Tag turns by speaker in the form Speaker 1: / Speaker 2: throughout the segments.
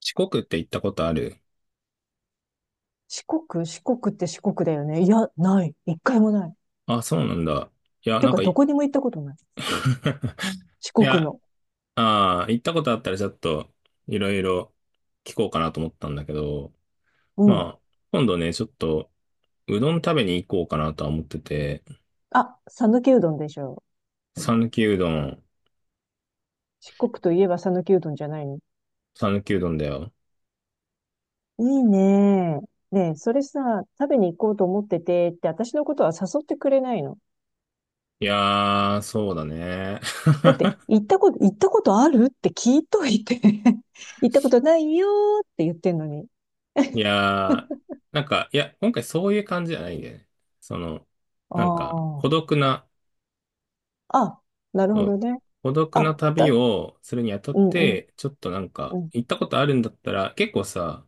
Speaker 1: 四国って行ったことある？
Speaker 2: 四国、四国って四国だよね。いや、ない。一回もない。
Speaker 1: あ、そうなんだ。いや、
Speaker 2: て
Speaker 1: なん
Speaker 2: か、
Speaker 1: か
Speaker 2: ど
Speaker 1: い、
Speaker 2: こに も行ったことない。四
Speaker 1: い
Speaker 2: 国
Speaker 1: や、
Speaker 2: の。
Speaker 1: ああ、行ったことあったらちょっと、いろいろ聞こうかなと思ったんだけど、
Speaker 2: うん。
Speaker 1: まあ、今度ね、ちょっと、うどん食べに行こうかなとは思ってて、
Speaker 2: あ、讃岐うどんでしょ。
Speaker 1: 讃岐うどん、
Speaker 2: 四国といえば讃岐うどんじゃないの。
Speaker 1: 讃岐うどんだよ。
Speaker 2: いいね。ねえ、それさ、食べに行こうと思っててって、私のことは誘ってくれないの。
Speaker 1: いやー、そうだね。
Speaker 2: だって、行ったことあるって聞いといて 行ったことないよーって言ってんのに。
Speaker 1: いやー、なんか、いや、今回そういう感じじゃないんだよね。その、
Speaker 2: あ
Speaker 1: なんか、孤
Speaker 2: あ。
Speaker 1: 独な、
Speaker 2: あ、なる
Speaker 1: そ
Speaker 2: ほ
Speaker 1: う、
Speaker 2: どね。
Speaker 1: 孤独な
Speaker 2: あ、
Speaker 1: 旅をするにあたっ
Speaker 2: うんうん
Speaker 1: て、ちょっとなんか、
Speaker 2: うん。
Speaker 1: 行ったことあるんだったら、結構さ、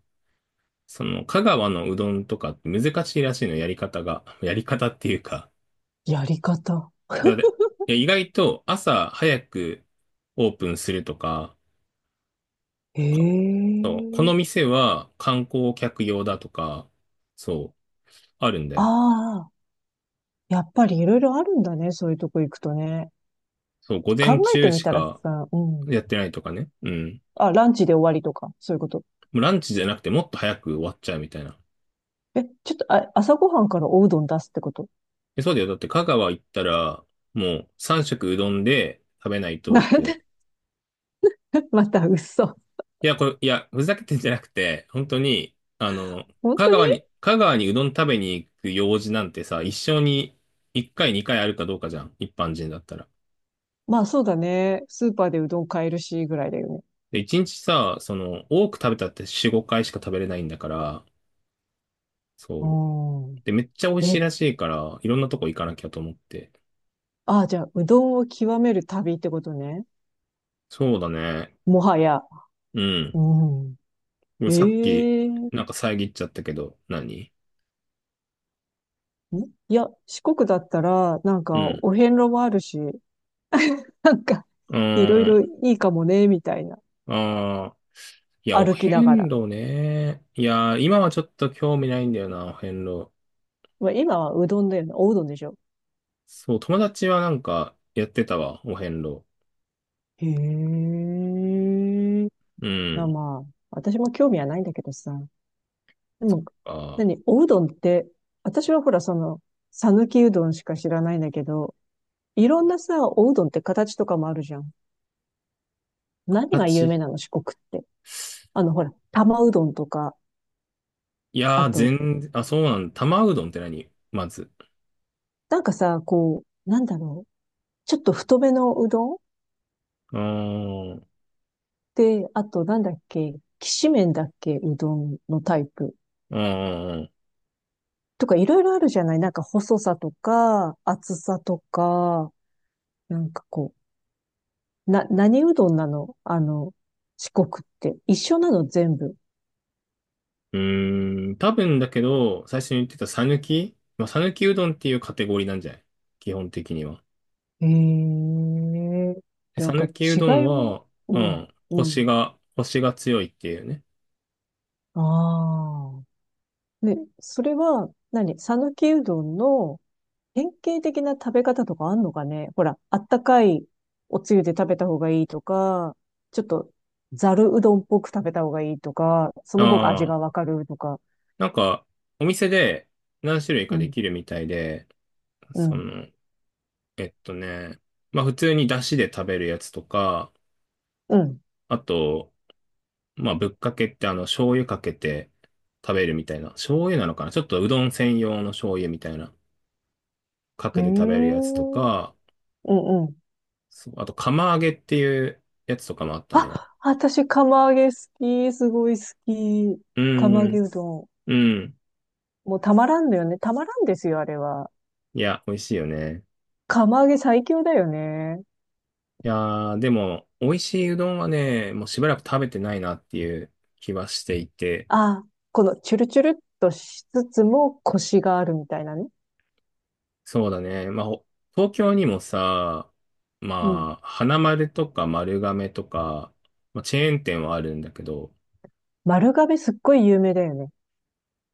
Speaker 1: その、香川のうどんとかって難しいらしいの、やり方が。やり方っていうか、
Speaker 2: やり方。
Speaker 1: いや、で、いや意外と朝早くオープンするとか、
Speaker 2: へ
Speaker 1: こそう、こ
Speaker 2: え。
Speaker 1: の店は観光客用だとか、そう、あるんだよ。
Speaker 2: ああ、やっぱりいろいろあるんだね。そういうとこ行くとね。
Speaker 1: そう、午
Speaker 2: 考
Speaker 1: 前
Speaker 2: えて
Speaker 1: 中
Speaker 2: み
Speaker 1: し
Speaker 2: たら
Speaker 1: か
Speaker 2: さ、うん。
Speaker 1: やってないとかね。うん。
Speaker 2: あ、ランチで終わりとか、そういうこと。
Speaker 1: もうランチじゃなくてもっと早く終わっちゃうみたいな。
Speaker 2: え、ちょっと、あ、朝ごはんからおうどん出すってこと？
Speaker 1: え、そうだよ。だって香川行ったら、もう3食うどんで食べない と、だっ
Speaker 2: なん
Speaker 1: て。
Speaker 2: で？ また嘘。
Speaker 1: いや、これ、いや、ふざけてんじゃなくて、本当に、あの、
Speaker 2: 本
Speaker 1: 香
Speaker 2: 当に。
Speaker 1: 川に、香川にうどん食べに行く用事なんてさ、一生に1回、2回あるかどうかじゃん。一般人だったら。
Speaker 2: まあ、そうだね。スーパーでうどん買えるし、ぐらいだよね。
Speaker 1: で、1日さ、その、多く食べたって4、5回しか食べれないんだから、
Speaker 2: う
Speaker 1: そう。
Speaker 2: ん。
Speaker 1: で、めっちゃ美味しい
Speaker 2: え、
Speaker 1: らしいから、いろんなとこ行かなきゃと思って。
Speaker 2: あ、じゃあ、うどんを極める旅ってことね。
Speaker 1: そうだね。
Speaker 2: もはや。
Speaker 1: うん。
Speaker 2: うん。
Speaker 1: でもさっき、
Speaker 2: ええん
Speaker 1: なんか遮っちゃったけど、何？
Speaker 2: いや、四国だったら、なん
Speaker 1: う
Speaker 2: か、
Speaker 1: ん。
Speaker 2: お遍路もあるし、なんか、
Speaker 1: うー
Speaker 2: いろいろ
Speaker 1: ん。
Speaker 2: いいかもね、みたいな。
Speaker 1: ああ。いや、お
Speaker 2: 歩きなが
Speaker 1: 遍
Speaker 2: ら。
Speaker 1: 路ね。いや、今はちょっと興味ないんだよな、お遍路。
Speaker 2: まあ、今はうどんだよね。おうどんでしょ。
Speaker 1: そう、友達はなんかやってたわ、お遍路。
Speaker 2: へえ。
Speaker 1: う
Speaker 2: あ、
Speaker 1: ん。
Speaker 2: まあ、私も興味はないんだけどさ。でも、
Speaker 1: ああ、
Speaker 2: 何、おうどんって、私はほら、その、さぬきうどんしか知らないんだけど、いろんなさ、おうどんって形とかもあるじゃん。何が有
Speaker 1: 形、
Speaker 2: 名なの、四国って。あの、ほら、玉うどんとか、
Speaker 1: い
Speaker 2: あ
Speaker 1: やー、
Speaker 2: と、
Speaker 1: 全然、あ、そうなんだ。玉うどんって何まず？
Speaker 2: なんかさ、こう、なんだろう。ちょっと太めのうどん
Speaker 1: うーん。
Speaker 2: で、あとなんだっけ、きしめんだっけ、うどんのタイプ。
Speaker 1: うん。うん。
Speaker 2: とかいろいろあるじゃないなんか細さとか、厚さとか、なんかこう、何うどんなのあの、四国って。一緒なの全部。
Speaker 1: うーん、多分だけど、最初に言ってたまあ、さぬきうどんっていうカテゴリーなんじゃない？基本的には。
Speaker 2: へえ。
Speaker 1: で、
Speaker 2: でな
Speaker 1: さ
Speaker 2: んか
Speaker 1: ぬきう
Speaker 2: 違
Speaker 1: どん
Speaker 2: いも、
Speaker 1: は、う
Speaker 2: うん、
Speaker 1: ん。
Speaker 2: う
Speaker 1: コシ
Speaker 2: ん。
Speaker 1: が、コシが強いっていうね。
Speaker 2: ああ。ね、それは何、讃岐うどんの典型的な食べ方とかあんのかねほら、あったかいおつゆで食べた方がいいとか、ちょっとざるうどんっぽく食べた方がいいとか、その方が味
Speaker 1: あ
Speaker 2: がわ
Speaker 1: あ。
Speaker 2: かるとか。
Speaker 1: なんか、お店で何種類か
Speaker 2: う
Speaker 1: で
Speaker 2: ん、
Speaker 1: きるみたいで、
Speaker 2: う
Speaker 1: そ
Speaker 2: ん、
Speaker 1: の、えっとね、まあ普通に出汁で食べるやつとか、
Speaker 2: うん。
Speaker 1: あと、まあぶっかけってあの醤油かけて食べるみたいな、醤油なのかな、ちょっとうどん専用の醤油みたいな、か
Speaker 2: へえ、
Speaker 1: けて食べるやつ
Speaker 2: う
Speaker 1: とか、
Speaker 2: んうん。
Speaker 1: そう、あと釜揚げっていうやつとかもあったね。
Speaker 2: あ、私、釜揚げ好き。すごい好き。
Speaker 1: う
Speaker 2: 釜揚
Speaker 1: ー
Speaker 2: げ
Speaker 1: ん、
Speaker 2: うどん。
Speaker 1: うん。
Speaker 2: もうたまらんのよね。たまらんですよ、あれは。
Speaker 1: いや、美味しいよね。
Speaker 2: 釜揚げ最強だよね。
Speaker 1: いやー、でも、美味しいうどんはね、もうしばらく食べてないなっていう気はしていて、
Speaker 2: あ、このチュルチュルっとしつつもコシがあるみたいなね。
Speaker 1: そうだね。まあ、東京にもさ、まあ、花丸とか丸亀とか、まあ、チェーン店はあるんだけど、
Speaker 2: 丸亀すっごい有名だよね。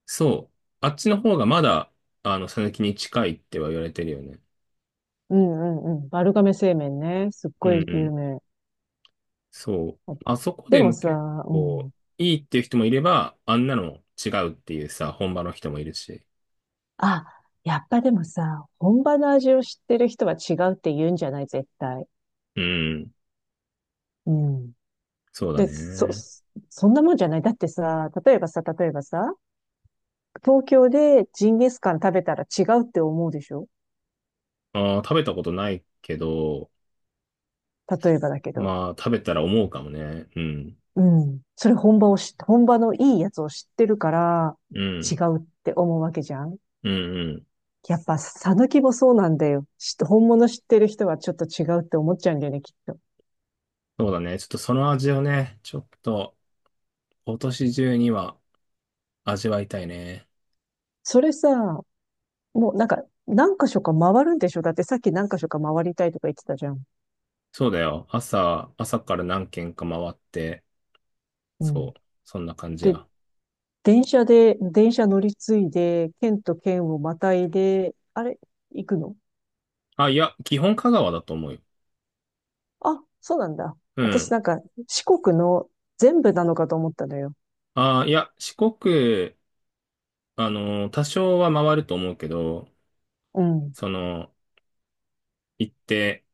Speaker 1: そう、あっちの方がまだ、あの、讃岐に近いっては言われてるよね。
Speaker 2: うんうんうん。丸亀製麺ね。すっ
Speaker 1: う
Speaker 2: ご
Speaker 1: ん、
Speaker 2: い
Speaker 1: う
Speaker 2: 有
Speaker 1: ん、
Speaker 2: 名。
Speaker 1: そう。あそこ
Speaker 2: で
Speaker 1: で
Speaker 2: も
Speaker 1: も
Speaker 2: さ、
Speaker 1: 結
Speaker 2: うん。
Speaker 1: 構、いいっていう人もいれば、あんなの違うっていうさ、本場の人もいるし。
Speaker 2: あ、やっぱでもさ、本場の味を知ってる人は違うって言うんじゃない、絶対。
Speaker 1: うん、
Speaker 2: うん。
Speaker 1: そうだ
Speaker 2: で、
Speaker 1: ね。
Speaker 2: そんなもんじゃない。だってさ、例えばさ、東京でジンギスカン食べたら違うって思うでしょ。
Speaker 1: ああ、食べたことないけど、
Speaker 2: 例えばだけど。
Speaker 1: まあ、食べたら思うかもね。うん、
Speaker 2: うん。それ本場を知っ本場のいいやつを知ってるから、
Speaker 1: う
Speaker 2: 違
Speaker 1: ん、
Speaker 2: うって思うわけじゃん。
Speaker 1: うん、うん。
Speaker 2: やっぱ、さぬきもそうなんだよ。本物知ってる人はちょっと違うって思っちゃうんだよね、きっと。
Speaker 1: そうだね。ちょっとその味をね、ちょっと今年中には味わいたいね。
Speaker 2: それさ、もうなんか、何箇所か回るんでしょ。だってさっき何箇所か回りたいとか言ってたじゃん。
Speaker 1: そうだよ。朝から何軒か回って、
Speaker 2: うん。
Speaker 1: そう、そんな感じ
Speaker 2: で、
Speaker 1: や。
Speaker 2: 電車乗り継いで、県と県をまたいで、あれ、行くの？
Speaker 1: あ、いや、基本香川だと思うよ。
Speaker 2: あ、そうなんだ。
Speaker 1: う
Speaker 2: 私
Speaker 1: ん。
Speaker 2: なんか、四国の全部なのかと思ったのよ。
Speaker 1: あ、いや、四国、あの、多少は回ると思うけど、
Speaker 2: うん、
Speaker 1: その、行って、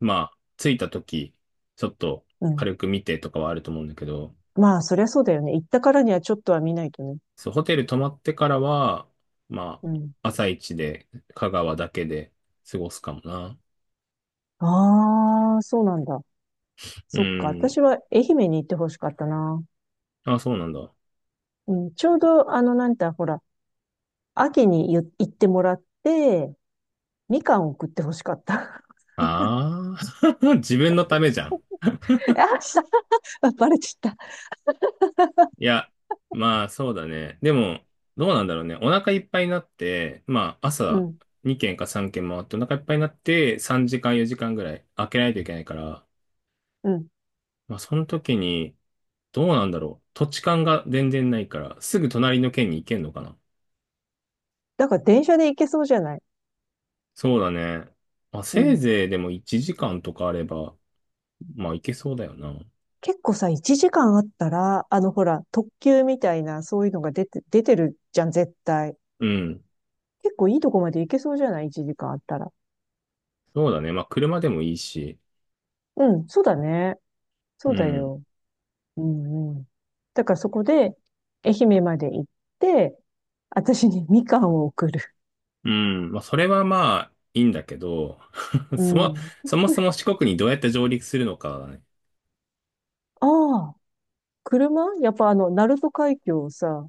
Speaker 1: まあ、着いた時、ちょっと
Speaker 2: うん。
Speaker 1: 軽く見てとかはあると思うんだけど、
Speaker 2: まあ、そりゃそうだよね。行ったからにはちょっとは見ないとね。
Speaker 1: そう、ホテル泊まってからは、ま
Speaker 2: うん。
Speaker 1: あ、朝一で香川だけで過ごすかもな。
Speaker 2: ああ、そうなんだ。
Speaker 1: う
Speaker 2: そっか、
Speaker 1: ん。
Speaker 2: 私は愛媛に行ってほしかったな。
Speaker 1: あ、そうなんだ。
Speaker 2: うん、ちょうど、あの、なんて、ほら、秋に行ってもらって、みかんを食ってほしかった。
Speaker 1: ああ、自分のためじゃん。
Speaker 2: あ、した、バレちゃった。
Speaker 1: いや、まあ、そうだね。でも、どうなんだろうね。お腹いっぱいになって、まあ、
Speaker 2: う
Speaker 1: 朝
Speaker 2: ん、
Speaker 1: 2軒か3軒回ってお腹いっぱいになって、3時間4時間ぐらい開けないといけないから、
Speaker 2: うん。
Speaker 1: まあ、その時に、どうなんだろう。土地勘が全然ないから、すぐ隣の県に行けんのかな？
Speaker 2: だから電車で行けそうじゃない。
Speaker 1: そうだね。まあ、
Speaker 2: う
Speaker 1: せい
Speaker 2: ん。
Speaker 1: ぜいでも1時間とかあれば、まあ、いけそうだよな。
Speaker 2: 結構さ、1時間あったら、あの、ほら、特急みたいな、そういうのが出てるじゃん、絶対。
Speaker 1: うん。
Speaker 2: 結構いいとこまで行けそうじゃない？ 1 時間あったら。
Speaker 1: そうだね。まあ、車でもいいし。
Speaker 2: うん、そうだね。そ
Speaker 1: う
Speaker 2: うだ
Speaker 1: ん。
Speaker 2: よ。うんうん。だからそこで、愛媛まで行って、私にみかんを送る。
Speaker 1: うん。まあ、それはまあ、いいんだけど、
Speaker 2: う
Speaker 1: そも、
Speaker 2: ん。
Speaker 1: そもそも四国にどうやって上陸するのかだね。
Speaker 2: ああ、車やっぱあの、鳴門海峡をさ、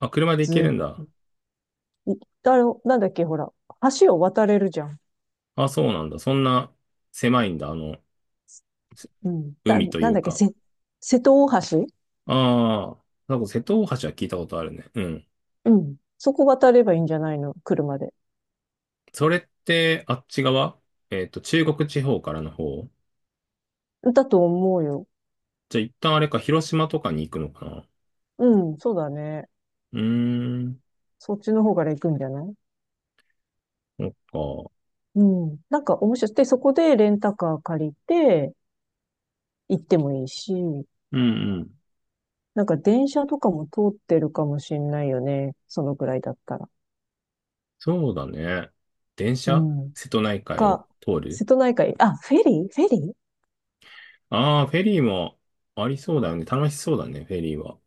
Speaker 1: まあ、車で行け
Speaker 2: ず
Speaker 1: るんだ。
Speaker 2: っと、あの、なんだっけ、ほら、橋を渡れるじゃん。
Speaker 1: あ、そうなんだ。そんな狭いんだ。あの、す
Speaker 2: うん。
Speaker 1: 海と
Speaker 2: な
Speaker 1: い
Speaker 2: ん
Speaker 1: う
Speaker 2: だっけ、
Speaker 1: か。
Speaker 2: 瀬戸大橋。
Speaker 1: ああ、なんか瀬戸大橋は聞いたことあるね。うん。
Speaker 2: うん。そこ渡ればいいんじゃないの車で。
Speaker 1: それって、あっち側、中国地方からの方？
Speaker 2: だと思うよ。
Speaker 1: じゃあ一旦あれか、広島とかに行くのかな？
Speaker 2: うん、そうだね。
Speaker 1: うーん、
Speaker 2: そっちの方から行くんじゃない？
Speaker 1: そっか。
Speaker 2: うん。なんか面白い。で、そこでレンタカー借りて、行ってもいいし。
Speaker 1: うんうん。
Speaker 2: なんか電車とかも通ってるかもしんないよね。そのぐらいだったら。
Speaker 1: そうだね。電
Speaker 2: う
Speaker 1: 車、
Speaker 2: ん。
Speaker 1: 瀬戸内海を
Speaker 2: か、
Speaker 1: 通る、
Speaker 2: 瀬戸内海、あ、フェリーフェリー
Speaker 1: ああー、フェリーもありそうだよね。楽しそうだね、フェリーは。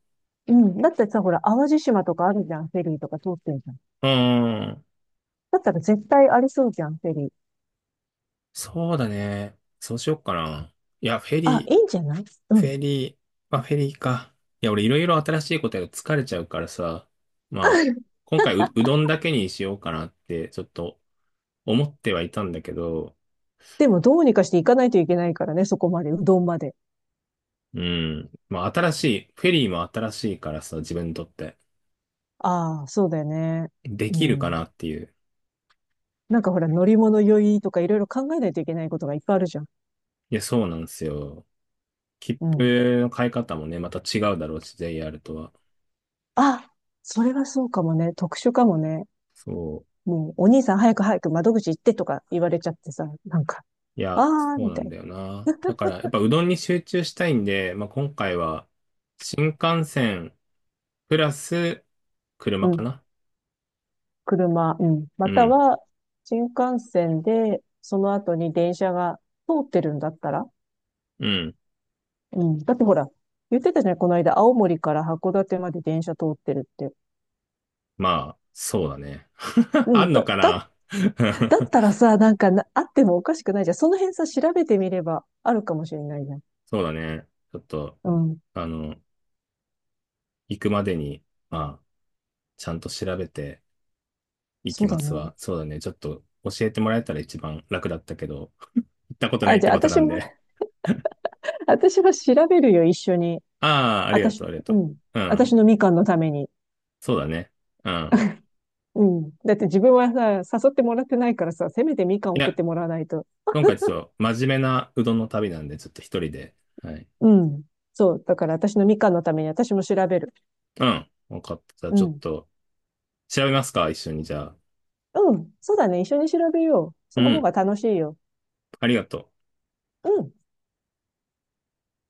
Speaker 2: うん。だってさ、ほら、淡路島とかあるじゃん、フェリーとか通ってるじゃん。
Speaker 1: うーん。
Speaker 2: だったら絶対ありそうじゃん、フェリー。
Speaker 1: そうだね。そうしよっかな。いや、フェ
Speaker 2: あ、
Speaker 1: リ
Speaker 2: いいん
Speaker 1: ー、
Speaker 2: じゃない？う
Speaker 1: フ
Speaker 2: ん。
Speaker 1: ェリー、まあフェリーか。いや、俺いろいろ新しいことやると疲れちゃうからさ。まあ、今回、うどんだけにしようかなって、ちょっと思ってはいたんだけど、
Speaker 2: でも、どうにかして行かないといけないからね、そこまで、うどんまで。
Speaker 1: うん。まあ、新しい、フェリーも新しいからさ、自分にとって。
Speaker 2: ああ、そうだよね。
Speaker 1: で
Speaker 2: う
Speaker 1: きるか
Speaker 2: ん。
Speaker 1: なっていう。
Speaker 2: なんかほら、乗り物酔いとかいろいろ考えないといけないことがいっぱいあるじゃん。
Speaker 1: いや、そうなんですよ。切
Speaker 2: うん。
Speaker 1: 符の買い方もね、また違うだろうし、JR とは。
Speaker 2: あ、それはそうかもね。特殊かもね。
Speaker 1: そう。
Speaker 2: もう、お兄さん早く早く窓口行ってとか言われちゃってさ、なんか、
Speaker 1: いや、
Speaker 2: あー
Speaker 1: そう
Speaker 2: み
Speaker 1: な
Speaker 2: たい
Speaker 1: ん
Speaker 2: な。
Speaker 1: だよな。だから、やっぱうどんに集中したいんで、まあ、今回は、新幹線、プラス、
Speaker 2: う
Speaker 1: 車か
Speaker 2: ん。
Speaker 1: な。
Speaker 2: 車、うん。ま
Speaker 1: う
Speaker 2: た
Speaker 1: ん。
Speaker 2: は、新幹線で、その後に電車が通ってるんだったら、
Speaker 1: うん。
Speaker 2: うん。だってほら、言ってたじゃないこの間、青森から函館まで電車通ってるって。
Speaker 1: まあ、そうだね。
Speaker 2: う
Speaker 1: あ
Speaker 2: ん。
Speaker 1: んの
Speaker 2: だ、
Speaker 1: か
Speaker 2: だ、
Speaker 1: な？
Speaker 2: だったらさ、なんかな、あってもおかしくないじゃん。その辺さ、調べてみればあるかもしれないじゃん。
Speaker 1: そうだね。ちょっと、
Speaker 2: うん。
Speaker 1: あの、行くまでに、まあ、ちゃんと調べてい
Speaker 2: そ
Speaker 1: き
Speaker 2: うだ
Speaker 1: ます
Speaker 2: ね。
Speaker 1: わ。そうだね。ちょっと教えてもらえたら一番楽だったけど、行ったことな
Speaker 2: あ、
Speaker 1: いっ
Speaker 2: じ
Speaker 1: て
Speaker 2: ゃあ、
Speaker 1: ことな
Speaker 2: 私
Speaker 1: ん
Speaker 2: も、
Speaker 1: で。
Speaker 2: 私は調べるよ、一緒に。
Speaker 1: ああ、ありがとう、
Speaker 2: 私、
Speaker 1: ありがと
Speaker 2: う
Speaker 1: う。
Speaker 2: ん。
Speaker 1: う
Speaker 2: 私
Speaker 1: ん。
Speaker 2: のみかんのために。
Speaker 1: そうだね。うん。
Speaker 2: うん。だって自分はさ、誘ってもらってないからさ、せめてみかん
Speaker 1: い
Speaker 2: 送っ
Speaker 1: や、
Speaker 2: てもらわないと。
Speaker 1: 今回ちょっと真面目なうどんの旅なんで、ちょっと一人で。はい。
Speaker 2: うん。そう。だから私のみかんのために私も調べる。
Speaker 1: うん。わかった。じゃあ
Speaker 2: う
Speaker 1: ちょっ
Speaker 2: ん。
Speaker 1: と調べますか、一緒に。じゃあ。
Speaker 2: うん。そうだね。一緒に調べよう。
Speaker 1: う
Speaker 2: その方
Speaker 1: ん。
Speaker 2: が楽しいよ。
Speaker 1: ありがとう。
Speaker 2: うん。